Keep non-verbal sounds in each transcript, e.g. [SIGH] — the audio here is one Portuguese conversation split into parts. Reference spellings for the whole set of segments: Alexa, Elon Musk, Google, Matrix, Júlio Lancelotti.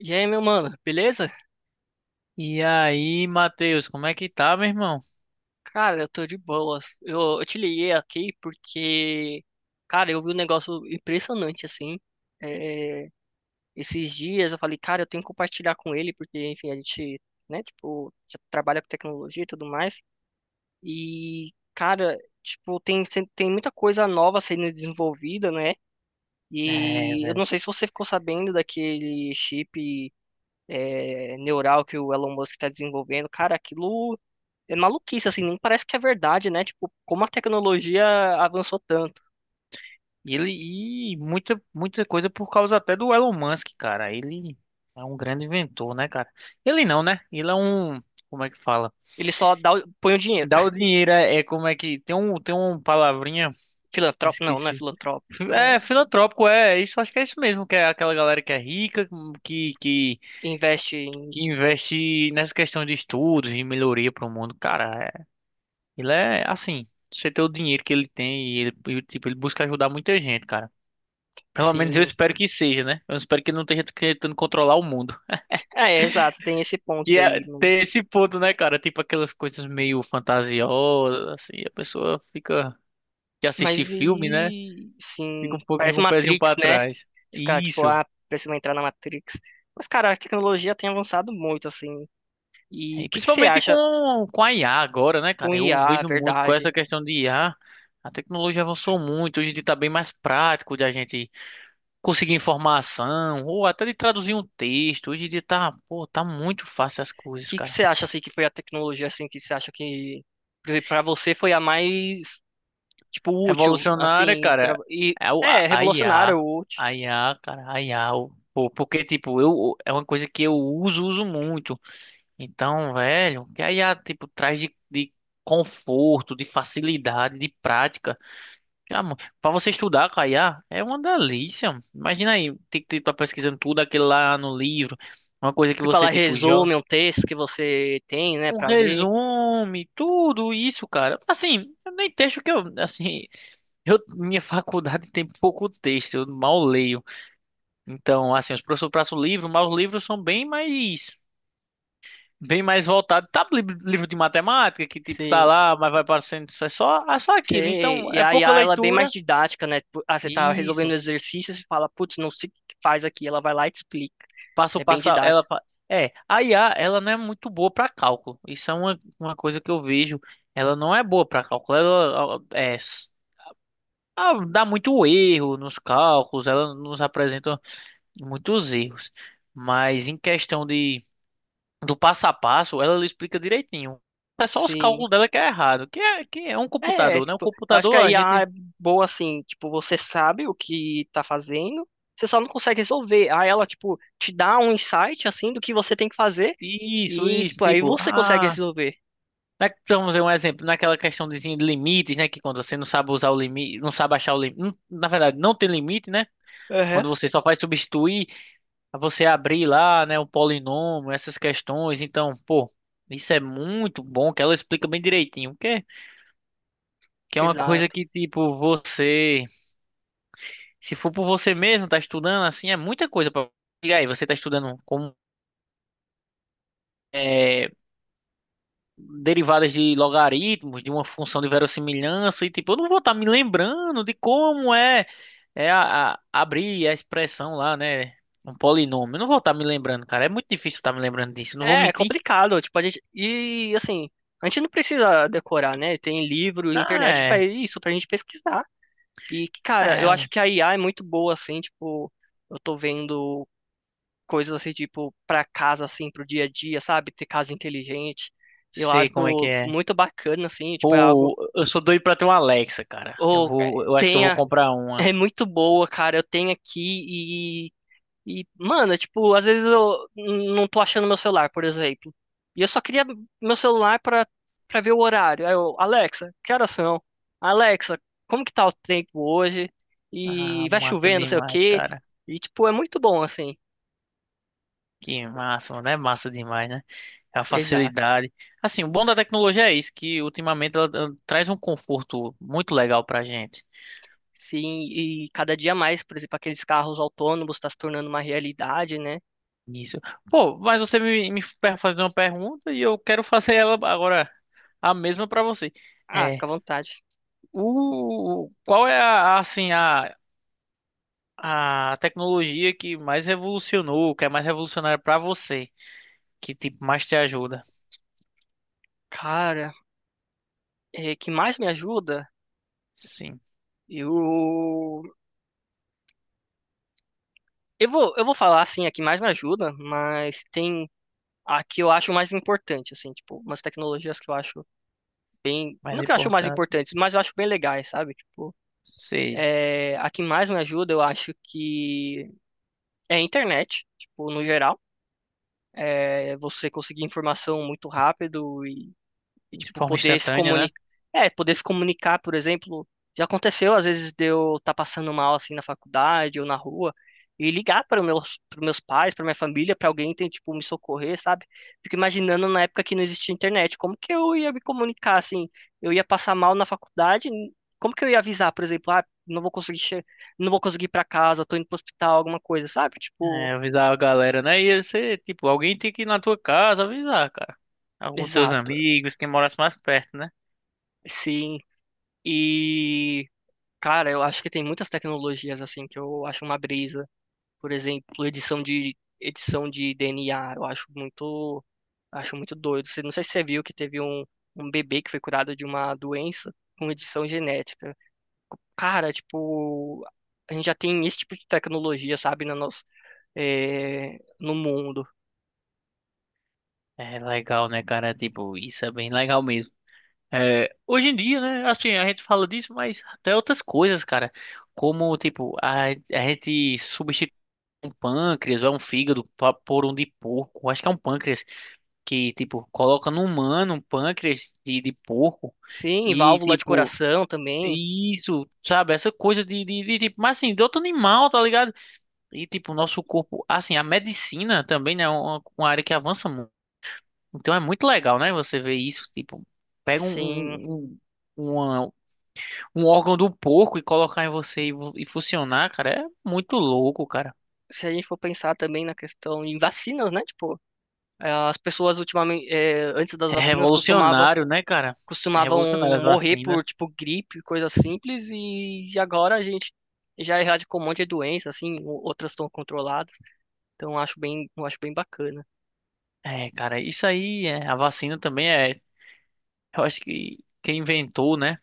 E aí, meu mano, beleza? E aí, Matheus, como é que tá, meu irmão? Cara, eu tô de boas. Eu te liguei aqui porque, cara, eu vi um negócio impressionante assim. É, Esses dias eu falei, cara, eu tenho que compartilhar com ele, porque, enfim, a gente, né, tipo, já trabalha com tecnologia e tudo mais. E, cara, tipo, tem, sem- tem muita coisa nova sendo desenvolvida, né? É, E eu velho. não sei se você ficou sabendo daquele chip, é, neural que o Elon Musk tá desenvolvendo. Cara, aquilo. É maluquice, assim, nem parece que é verdade, né? Tipo, como a tecnologia avançou tanto. Ele e muita coisa por causa até do Elon Musk, cara. Ele é um grande inventor, né, cara? Ele não, né? Ele é um, como é que fala? Ele só dá, o- põe o dinheiro. Dá o dinheiro é, é como é que tem tem uma palavrinha, me Filantropo, não, não é esqueci. filantropo. É, É, filantrópico, é, isso acho que é isso mesmo, que é aquela galera que é rica, que que, investe em, que investe nessa questão de estudos e melhoria para o mundo, cara. Ele é assim, você ter o dinheiro que ele tem e ele, e, tipo, ele busca ajudar muita gente, cara. Pelo menos eu sim. espero que seja, né? Eu espero que ele não esteja tentando controlar o mundo. É, é, exato, tem esse ponto Que é aí, ter esse ponto, né, cara? Tipo aquelas coisas meio fantasiosas, assim, a pessoa fica que mas assiste filme, né? e, Fica sim, um pouquinho parece com o pezinho Matrix, pra né? trás. Você fica, tipo, Isso. ah, precisa entrar na Matrix. Mas, cara, a tecnologia tem avançado muito, assim. E o E que que você principalmente acha com a IA agora, né, com cara? IA, Eu a vejo muito com verdade? essa questão de IA. A tecnologia avançou muito, hoje em dia tá bem mais prático de a gente conseguir informação, ou até de traduzir um texto. Hoje em dia tá, pô, tá muito fácil as O coisas, que que cara. você acha, assim, que foi a tecnologia, assim, que você acha que, para você foi a mais tipo, útil, Revolucionária, assim, pra, cara, e é o, a, é a IA, revolucionário, útil. a IA, cara, a IA, pô, porque, tipo, eu, é uma coisa que eu uso muito. Então, velho, que a IA, tipo, traz de conforto, de facilidade, de prática. Ah, mano, pra você estudar com a IA, é uma delícia. Imagina aí, tem que estar pesquisando tudo aquilo lá no livro. Uma coisa que Tipo, você, ela tipo, já resume um texto que você tem, né, um pra ler. resume, tudo isso, cara. Assim, eu nem texto que eu, assim, [LAUGHS] eu, minha faculdade tem pouco texto, eu mal leio. Então, assim, os professores passam o livro, mas os livros são bem mais voltados. Tá livro, livro de matemática, que tipo, tá Sim. lá, mas vai parecendo isso é só aquilo. Sei. Então, E é a pouca IA, ela é bem mais leitura. didática, né? Tipo, ah, você tá resolvendo Isso. exercícios e fala, putz, não sei o que faz aqui. Ela vai lá e te explica. Passo, É bem passo, ela, didático. É, a IA, ela não é muito boa para cálculo. Isso é uma coisa que eu vejo. Ela não é boa para cálculo. Ela, é, ah, dá muito erro nos cálculos, ela nos apresenta muitos erros. Mas em questão de do passo a passo, ela explica direitinho. É só os Sim. cálculos dela que é errado, que é um É, computador, né? Um tipo, eu acho que computador, a a IA gente. é boa assim, tipo, você sabe o que tá fazendo, você só não consegue resolver. Aí ela, tipo, te dá um insight, assim, do que você tem que fazer e, Isso, tipo, aí tipo, você consegue ah. resolver. Vamos ver um exemplo, naquela questão de limites, né? Que quando você não sabe usar o limite, não sabe achar o limite. Na verdade, não tem limite, né? Quando você só vai substituir. A você abrir lá, né, o polinômio, essas questões. Então, pô, isso é muito bom que ela explica bem direitinho, que é uma coisa Exato. que tipo você, se for por você mesmo, tá estudando assim, é muita coisa para aí, você tá estudando como é, derivadas de logaritmos, de uma função de verossimilhança e tipo, eu não vou estar me lembrando de como é, é abrir a expressão lá, né? Um polinômio. Eu não vou estar me lembrando, cara. É muito difícil estar me lembrando disso. Não vou É, é mentir. complicado, tipo, a gente, e assim, a gente não precisa decorar, né? Tem livro, Ah, internet pra é. isso, pra gente pesquisar. E, cara, eu É, acho que a IA é muito boa, assim, tipo, eu tô vendo coisas assim, tipo, pra casa, assim, pro dia a dia, sabe? Ter casa inteligente. Eu sei como é que acho é. muito bacana, assim, tipo, é algo, Pô, eu sou doido pra ter uma Alexa, cara. Eu ou é, vou, eu acho que eu vou tenha, comprar uma. é muito boa, cara, eu tenho aqui. E, mano, tipo, às vezes eu não tô achando meu celular, por exemplo. E eu só queria meu celular pra, pra ver o horário. Aí eu, Alexa, que horas são? Alexa, como que tá o tempo hoje? E Ah, vai massa chovendo, não sei o demais, quê. cara. E, tipo, é muito bom, assim. Que massa, mano. É massa demais, né? É a Exato. facilidade. Assim, o bom da tecnologia é isso, que ultimamente ela, ela traz um conforto muito legal pra gente. Sim, e cada dia mais, por exemplo, aqueles carros autônomos tá se tornando uma realidade, né? Isso. Pô, mas você fazer uma pergunta e eu quero fazer ela agora a mesma pra você. Ah, É, fica à vontade. Qual é assim, a tecnologia que mais revolucionou, que é mais revolucionária pra você, que tipo mais te ajuda. Cara, é, que mais me ajuda? Sim, Eu, eu vou falar assim, a que mais me ajuda, mas tem a que eu acho mais importante, assim, tipo, umas tecnologias que eu acho bem, mais não que eu acho mais importante, importantes, mas eu acho bem legais, sabe? Tipo, sei, é, a que mais me ajuda, eu acho que é a internet, tipo, no geral, é você conseguir informação muito rápido e, de tipo, forma poder se instantânea, né? comunicar. É, poder se comunicar, por exemplo. Já aconteceu, às vezes, de eu estar passando mal, assim, na faculdade ou na rua, e ligar para os meus, para meus pais, para minha família, para alguém tem, tipo, me socorrer, sabe? Fico imaginando na época que não existia internet, como que eu ia me comunicar, assim? Eu ia passar mal na faculdade, como que eu ia avisar, por exemplo, ah, não vou conseguir ir para casa, tô indo pro hospital, alguma coisa, sabe? Tipo, É, avisar a galera, né? E você, tipo, alguém tem que ir na tua casa avisar, cara. Alguns teus exato, amigos, quem morasse mais perto, né? sim. E. Cara, eu acho que tem muitas tecnologias assim que eu acho uma brisa. Por exemplo, edição de DNA, eu acho muito doido. Você- não sei se você viu que teve um, um bebê que foi curado de uma doença com edição genética. Cara, tipo, a gente já tem esse tipo de tecnologia, sabe, na nossa, eh, no mundo. É legal, né, cara? É, tipo, isso é bem legal mesmo. É, hoje em dia, né? Assim, a gente fala disso, mas até outras coisas, cara. Como, tipo, a gente substitui um pâncreas ou é um fígado por um de porco. Acho que é um pâncreas que, tipo, coloca no humano um pâncreas de porco Sim, e, válvula de tipo, coração também. isso, sabe? Essa coisa de, tipo, mas assim, de outro animal, tá ligado? E, tipo, o nosso corpo, assim, a medicina também, né, é uma área que avança muito. Então é muito legal, né? Você ver isso, tipo, pega Sim, um, uma- um órgão do porco e colocar em você e, e funcionar, cara, é muito louco, cara. se a gente for pensar também na questão em vacinas, né? Tipo, eh, as pessoas ultimamente, eh, antes das É vacinas, revolucionário, né, cara? É costumavam revolucionário as morrer vacinas. por, tipo, gripe, coisa simples, e agora a gente já erradicou um monte de doença, assim, o- outras estão controladas, então eu acho bem bacana. É, cara, isso aí, é, a vacina também é. Eu acho que quem inventou, né?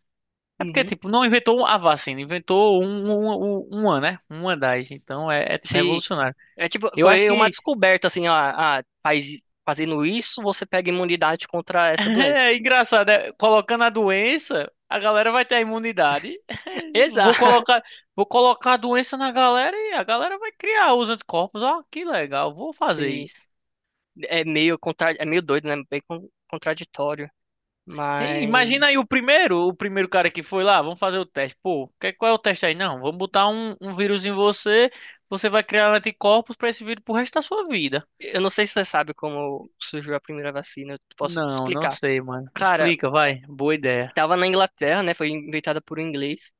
É porque, Uhum. tipo, não inventou a vacina, inventou uma, né? Uma das. Então é, é, tipo, Se, revolucionário. é tipo, Eu acho foi uma que descoberta, assim, ah, ah, faz, fazendo isso, você pega imunidade contra [LAUGHS] essa doença. é engraçado, é, colocando a doença, a galera vai ter a imunidade. [LAUGHS] [LAUGHS] Vou Exato! colocar, vou colocar a doença na galera e a galera vai criar os anticorpos. Ó, que legal, vou fazer Se, isso. é meio contra, é meio doido, né? Bem con- contraditório, Ei, mas imagina aí o primeiro cara que foi lá, vamos fazer o teste. Pô, qual é o teste aí? Não, vamos botar um vírus em você, você vai criar anticorpos pra esse vírus pro resto da sua vida. eu não sei se você sabe como surgiu a primeira vacina, eu posso te Não, não explicar. sei, mano. Cara, Explica, vai. Boa ideia. tava na Inglaterra, né? Foi inventada por um inglês.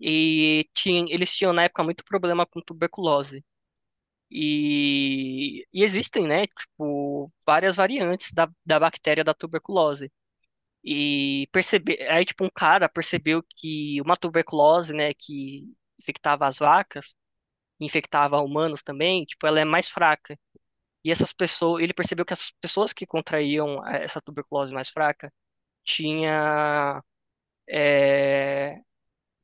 E tinha, eles tinham na época muito problema com tuberculose. E existem, né? Tipo, várias variantes da, da bactéria da tuberculose. E percebe, aí, tipo, um cara percebeu que uma tuberculose, né, que infectava as vacas, infectava humanos também, tipo, ela é mais fraca. E essas pessoas, ele percebeu que as pessoas que contraíam eh, essa tuberculose mais fraca tinha eh,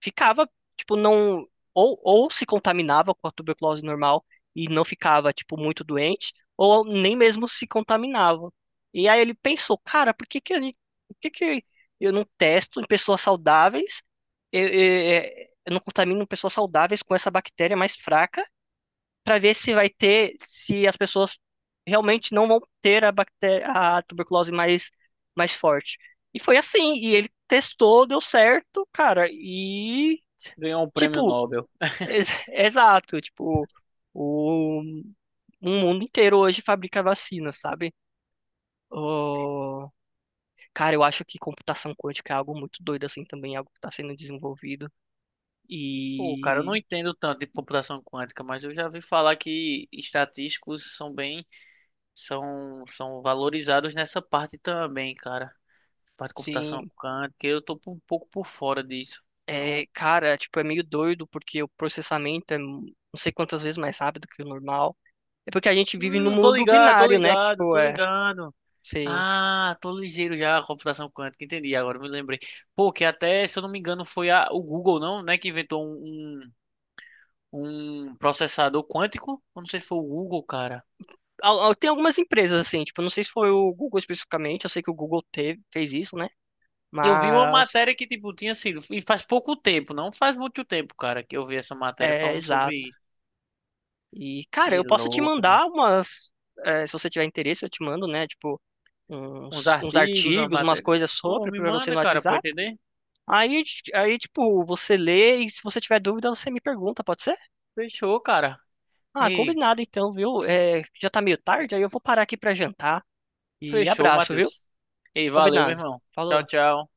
ficava, tipo, não. Ou se contaminava com a tuberculose normal e não ficava, tipo, muito doente, ou nem mesmo se contaminava. E aí ele pensou, cara, por que que, a gente, por que que eu não testo em pessoas saudáveis? Eu, eu, eu não contamino pessoas saudáveis com essa bactéria mais fraca para ver se vai ter, se as pessoas realmente não vão ter a bactéria, a tuberculose mais, mais forte. E foi assim, e ele testou, deu certo, cara, e Ganhou um prêmio tipo, Nobel. ex- [LAUGHS] exato, tipo, o, o mundo inteiro hoje fabrica vacina, sabe? Oh, cara, eu acho que computação quântica é algo muito doido assim também, algo que está sendo desenvolvido. Pô, cara, eu não E entendo tanto de computação quântica, mas eu já vi falar que estatísticos são bem, são valorizados nessa parte também, cara. Parte de computação sim, quântica, eu tô um pouco por fora disso. é, cara, tipo, é meio doido porque o processamento é não sei quantas vezes mais rápido que o normal. É porque a gente vive num mundo binário, né? Que, tipo, Tô é, ligado. sei. Ah, tô ligeiro já, a computação quântica, entendi, agora eu me lembrei. Pô, que até, se eu não me engano, foi o Google, não, né, que inventou um processador quântico? Eu não sei se foi o Google, cara. Al- al- tem algumas empresas assim, tipo, não sei se foi o Google especificamente, eu sei que o Google teve, fez isso, né? Eu vi uma Mas matéria que, tipo, tinha sido, e faz pouco tempo, não faz muito tempo, cara, que eu vi essa matéria é falando exato. sobre isso. E, cara, Que eu posso te louco, mano. mandar umas, é, se você tiver interesse, eu te mando, né? Tipo, Uns uns, uns artigos, uma artigos, umas matéria. coisas Pô, sobre me pra você manda, no cara, pra eu WhatsApp. entender. Aí, aí, tipo, você lê e se você tiver dúvida, você me pergunta, pode ser? Fechou, cara. Ah, Ei. combinado então, viu? É, já tá meio tarde, aí eu vou parar aqui pra jantar. E Fechou, abraço, viu? Matheus. Ei, valeu, meu Combinado. irmão. Tchau, Falou. tchau.